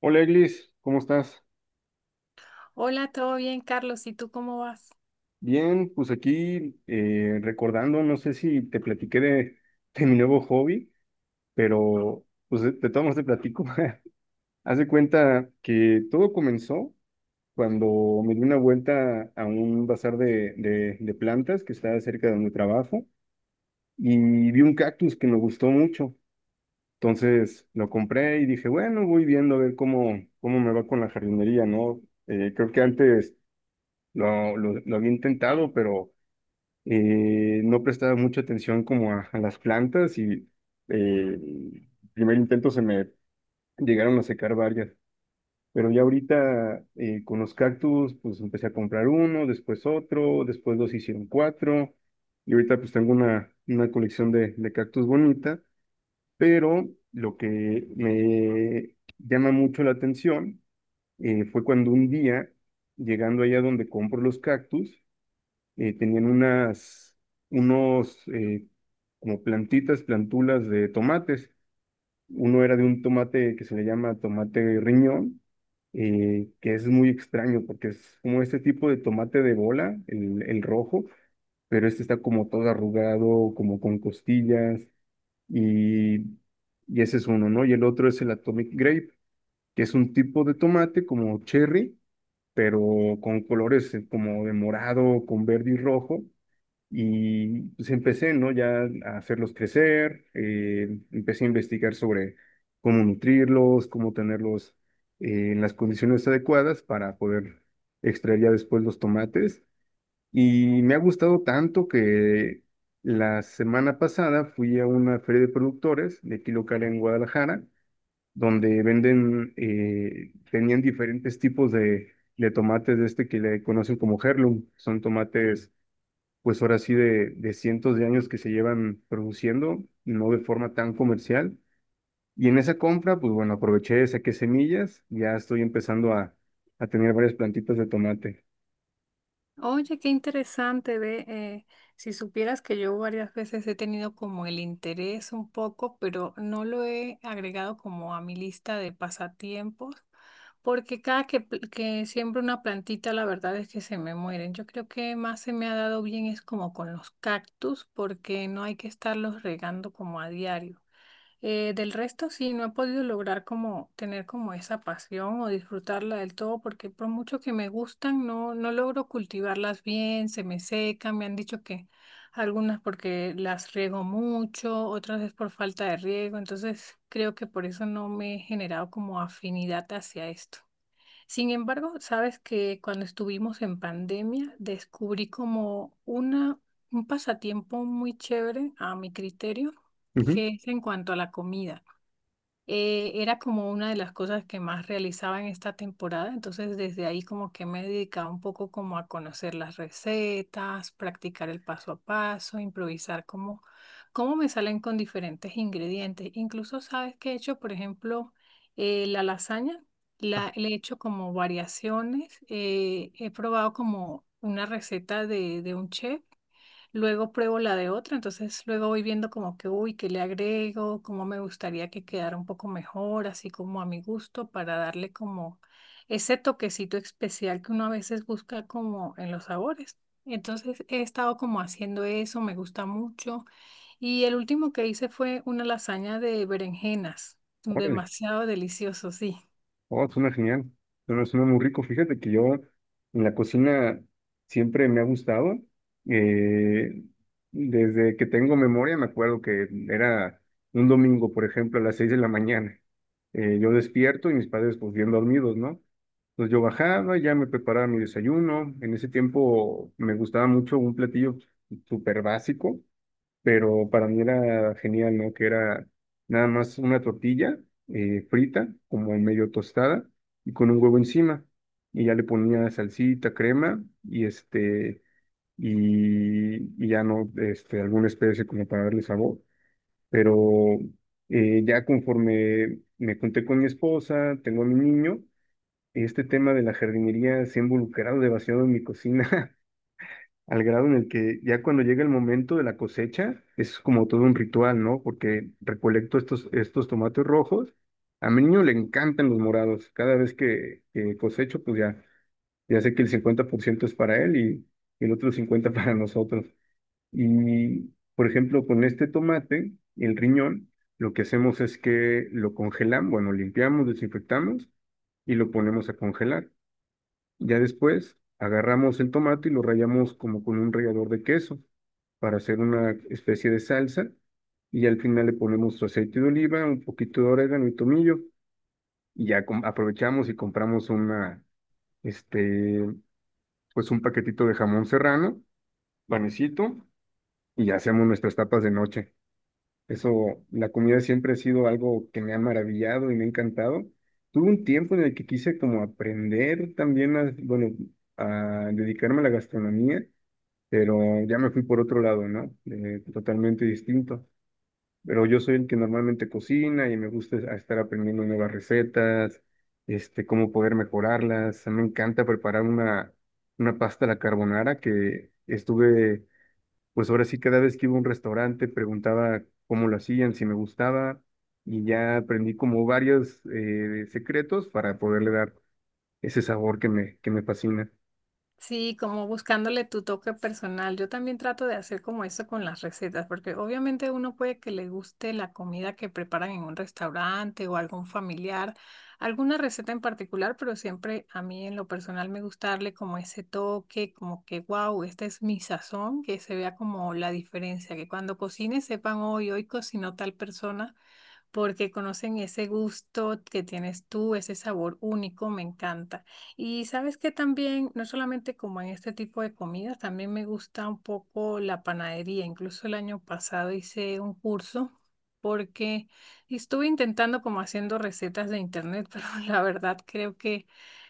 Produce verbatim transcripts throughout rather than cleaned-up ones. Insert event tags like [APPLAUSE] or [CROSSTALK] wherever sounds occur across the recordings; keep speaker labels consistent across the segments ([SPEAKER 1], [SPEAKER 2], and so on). [SPEAKER 1] Hola Eglis, ¿cómo estás?
[SPEAKER 2] Hola, ¿todo bien, Carlos? ¿Y tú cómo vas?
[SPEAKER 1] Bien, pues aquí eh, recordando, no sé si te platiqué de, [LAUGHS] de mi nuevo hobby, pero pues de, de todos modos te platico. [LAUGHS] Haz de cuenta que todo comenzó cuando me di una vuelta a un bazar de, de, de plantas que está cerca de mi trabajo y vi un cactus que me gustó mucho. Entonces lo compré y dije, bueno, voy viendo a ver cómo, cómo me va con la jardinería, ¿no? Eh, creo que antes lo, lo lo había intentado, pero eh, no prestaba mucha atención como a, a las plantas y eh, primer intento se me llegaron a secar varias. Pero ya ahorita eh, con los cactus, pues empecé a comprar uno, después otro, después dos hicieron cuatro. Y ahorita pues tengo una, una colección de, de cactus bonita, pero lo que me llama mucho la atención eh, fue cuando un día, llegando allá donde compro los cactus, eh, tenían unas, unos eh, como plantitas, plantulas de tomates. Uno era de un tomate que se le llama tomate riñón, eh, que es muy extraño porque es como este tipo de tomate de bola, el, el rojo, pero este está como todo arrugado, como con costillas, y, y ese es uno, ¿no? Y el otro es el Atomic Grape, que es un tipo de tomate como cherry, pero con colores eh, como de morado, con verde y rojo y pues empecé, ¿no? Ya a hacerlos crecer, eh, empecé a investigar sobre cómo nutrirlos, cómo tenerlos eh, en las condiciones adecuadas para poder extraer ya después los tomates. Y me ha gustado tanto que la semana pasada fui a una feria de productores de aquí local en Guadalajara, donde venden, eh, tenían diferentes tipos de, de tomates de este que le conocen como heirloom, son tomates pues ahora sí de, de cientos de años que se llevan produciendo, no de forma tan comercial. Y en esa compra, pues bueno, aproveché, saqué semillas, ya estoy empezando a, a tener varias plantitas de tomate.
[SPEAKER 2] Oye, qué interesante, ve, eh, si supieras que yo varias veces he tenido como el interés un poco, pero no lo he agregado como a mi lista de pasatiempos, porque cada que, pl- que siembro una plantita, la verdad es que se me mueren. Yo creo que más se me ha dado bien es como con los cactus, porque no hay que estarlos regando como a diario. Eh, del resto, sí, no he podido lograr como tener como esa pasión o disfrutarla del todo, porque por mucho que me gustan, no, no logro cultivarlas bien, se me secan, me han dicho que algunas porque las riego mucho, otras es por falta de riego, entonces creo que por eso no me he generado como afinidad hacia esto. Sin embargo, sabes que cuando estuvimos en pandemia descubrí como una, un pasatiempo muy chévere a mi criterio,
[SPEAKER 1] Ujú,
[SPEAKER 2] que es en cuanto a la comida eh, era como una de las cosas que más realizaba en esta temporada, entonces desde ahí como que me he dedicado un poco como a conocer las recetas, practicar el paso a paso, improvisar cómo, cómo me salen con diferentes ingredientes. Incluso sabes que he hecho, por ejemplo, eh, la lasaña, la, le he hecho como variaciones, eh, he probado como una receta de, de un chef. Luego pruebo la de otro, entonces luego voy viendo como que, uy, qué le agrego, cómo me gustaría que quedara un poco mejor, así como a mi gusto, para darle como ese toquecito especial que uno a veces busca como en los sabores. Entonces he estado como haciendo eso, me gusta mucho. Y el último que hice fue una lasaña de berenjenas,
[SPEAKER 1] órale.
[SPEAKER 2] demasiado delicioso, sí.
[SPEAKER 1] Oh, suena genial. Suena, suena muy rico. Fíjate que yo en la cocina siempre me ha gustado. Eh, Desde que tengo memoria me acuerdo que era un domingo, por ejemplo, a las seis de la mañana. Eh, yo despierto y mis padres pues bien dormidos, ¿no? Entonces yo bajaba, ya me preparaba mi desayuno. En ese tiempo me gustaba mucho un platillo súper básico, pero para mí era genial, ¿no? Que era nada más una tortilla eh, frita, como medio tostada, y con un huevo encima. Y ya le ponía salsita, crema, y este, y, y ya no, este, alguna especie como para darle sabor. Pero eh, ya conforme me junté con mi esposa, tengo a mi niño, este tema de la jardinería se ha involucrado demasiado en mi cocina. [LAUGHS] Al grado en el que ya cuando llega el momento de la cosecha, es como todo un ritual, ¿no? Porque recolecto estos, estos tomates rojos. A mi niño le encantan los morados. Cada vez que, que cosecho, pues ya, ya sé que el cincuenta por ciento es para él y, el otro cincuenta por ciento [LAUGHS] para nosotros. Y, por ejemplo, con este tomate, el riñón, lo que hacemos es que lo congelamos, bueno, limpiamos, desinfectamos y lo ponemos a congelar. Ya después agarramos el tomate y lo rallamos como con un rallador de queso para hacer una especie de salsa y al final le ponemos su aceite de oliva, un poquito de orégano y tomillo y ya com- aprovechamos y compramos una, este, pues un paquetito de jamón serrano, panecito y ya hacemos nuestras tapas de noche. Eso, la comida siempre ha sido algo que me ha maravillado y me ha encantado. Tuve un tiempo en el que quise como aprender también a, bueno, a dedicarme a la gastronomía, pero ya me fui por otro lado, ¿no? Eh, totalmente distinto. Pero yo soy el que normalmente cocina y me gusta es- estar aprendiendo nuevas recetas, este, cómo poder mejorarlas. Me encanta preparar una, una pasta a la carbonara que estuve pues ahora sí cada vez que iba a un restaurante preguntaba cómo lo hacían, si me gustaba, y ya aprendí como varios eh, secretos para poderle dar ese sabor que me, que me fascina.
[SPEAKER 2] Sí, como buscándole tu toque personal. Yo también trato de hacer como eso con las recetas, porque obviamente uno puede que le guste la comida que preparan en un restaurante o algún familiar, alguna receta en particular, pero siempre a mí en lo personal me gusta darle como ese toque, como que wow, esta es mi sazón, que se vea como la diferencia, que cuando cocine sepan hoy, hoy cocinó tal persona porque conocen ese gusto que tienes tú, ese sabor único, me encanta. Y sabes que también, no solamente como en este tipo de comidas, también me gusta un poco la panadería. Incluso el año pasado hice un curso porque estuve intentando como haciendo recetas de internet, [LAUGHS] pero la verdad creo que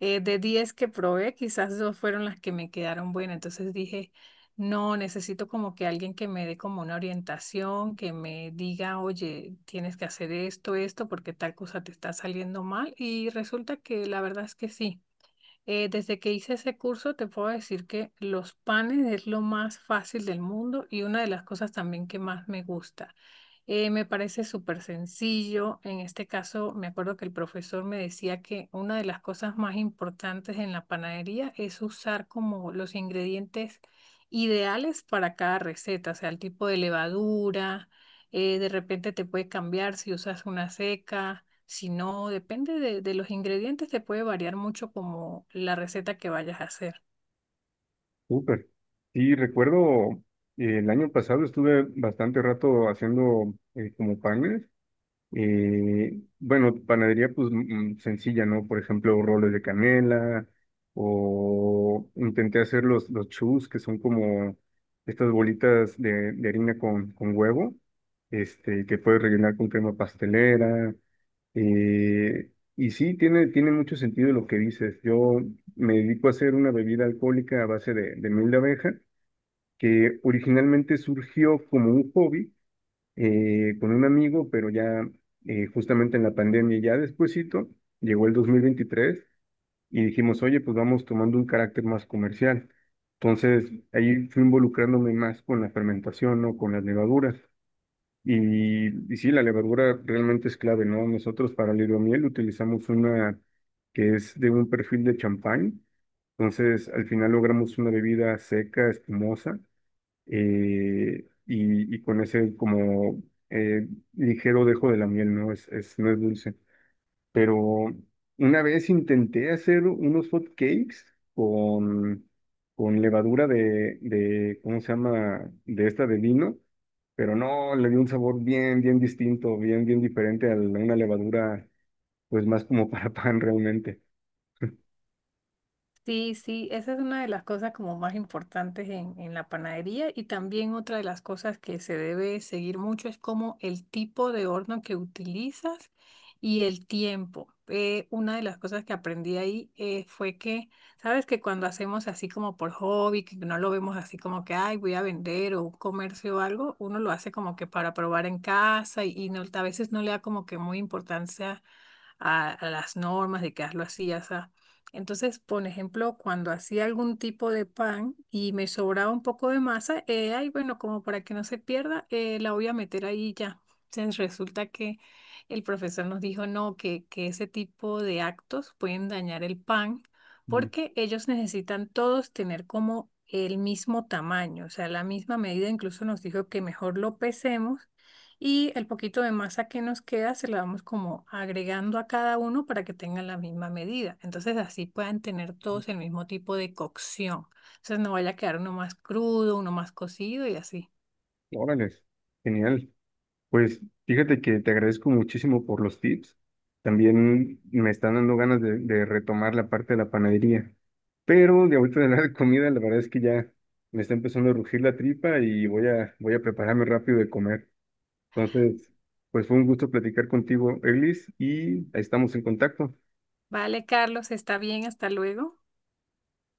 [SPEAKER 2] eh, de diez que probé, quizás dos fueron las que me quedaron buenas. Entonces dije... No, necesito como que alguien que me dé como una orientación, que me diga, oye, tienes que hacer esto, esto, porque tal cosa te está saliendo mal. Y resulta que la verdad es que sí. Eh, desde que hice ese curso, te puedo decir que los panes es lo más fácil del mundo y una de las cosas también que más me gusta. Eh, me parece súper sencillo. En este caso, me acuerdo que el profesor me decía que una de las cosas más importantes en la panadería es usar como los ingredientes ideales para cada receta, o sea, el tipo de levadura, eh, de repente te puede cambiar si usas una seca. Si no, depende de, de los ingredientes, te puede variar mucho como la receta que vayas a hacer.
[SPEAKER 1] Súper. Sí, recuerdo eh, el año pasado estuve bastante rato haciendo eh, como panes. Eh, bueno, panadería pues mm, sencilla, ¿no? Por ejemplo, roles de canela o intenté hacer los, los chus, que son como estas bolitas de, de harina con, con huevo, este, que puedes rellenar con crema pastelera. eh, y sí, tiene, tiene mucho sentido lo que dices. Yo me dedico a hacer una bebida alcohólica a base de, de miel de abeja, que originalmente surgió como un hobby eh, con un amigo, pero ya eh, justamente en la pandemia, ya despuesito, llegó el dos mil veintitrés y dijimos, oye, pues vamos tomando un carácter más comercial. Entonces, ahí fui involucrándome más con la fermentación, ¿no? Con las levaduras. Y, y sí, la levadura realmente es clave, ¿no? Nosotros para el hidromiel utilizamos una que es de un perfil de champán. Entonces, al final logramos una bebida seca, espumosa eh, y, y con ese como eh, ligero dejo de la miel, ¿no? Es, es, no es dulce. Pero una vez intenté hacer unos hot cakes con, con levadura de, de, ¿cómo se llama? De esta de vino, pero no, le dio un sabor bien, bien distinto, bien, bien diferente a la- una levadura, pues más como [LAUGHS] para pan realmente.
[SPEAKER 2] Sí, sí, esa es una de las cosas como más importantes en, en la panadería y también otra de las cosas que se debe seguir mucho es como el tipo de horno que utilizas y el tiempo. Eh, una de las cosas que aprendí ahí eh, fue que, sabes que cuando hacemos así como por hobby, que no lo vemos así como que, ay, voy a vender o un comercio o algo, uno lo hace como que para probar en casa y, y no, a veces no le da como que muy importancia a, a las normas de que hazlo así, así. Entonces, por ejemplo, cuando hacía algún tipo de pan y me sobraba un poco de masa, eh, ay, bueno, como para que no se pierda, eh, la voy a meter ahí y ya. Entonces, resulta que el profesor nos dijo, no, que, que ese tipo de actos pueden dañar el pan
[SPEAKER 1] Mm.
[SPEAKER 2] porque ellos necesitan todos tener como el mismo tamaño, o sea, la misma medida, incluso nos dijo que mejor lo pesemos y el poquito de masa que nos queda se la vamos como agregando a cada uno para que tengan la misma medida. Entonces así puedan tener todos el mismo tipo de cocción. Entonces no vaya a quedar uno más crudo, uno más cocido y así.
[SPEAKER 1] Órales, genial. Pues fíjate que te agradezco muchísimo por los tips. También me están dando ganas de, de retomar la parte de la panadería. Pero de ahorita de la [LAUGHS] comida, la verdad es que ya me está empezando a rugir la tripa y voy a, voy a prepararme rápido de comer. Entonces, pues fue un gusto platicar contigo, Eglis, y ahí estamos en contacto.
[SPEAKER 2] Vale, Carlos, está bien, hasta luego.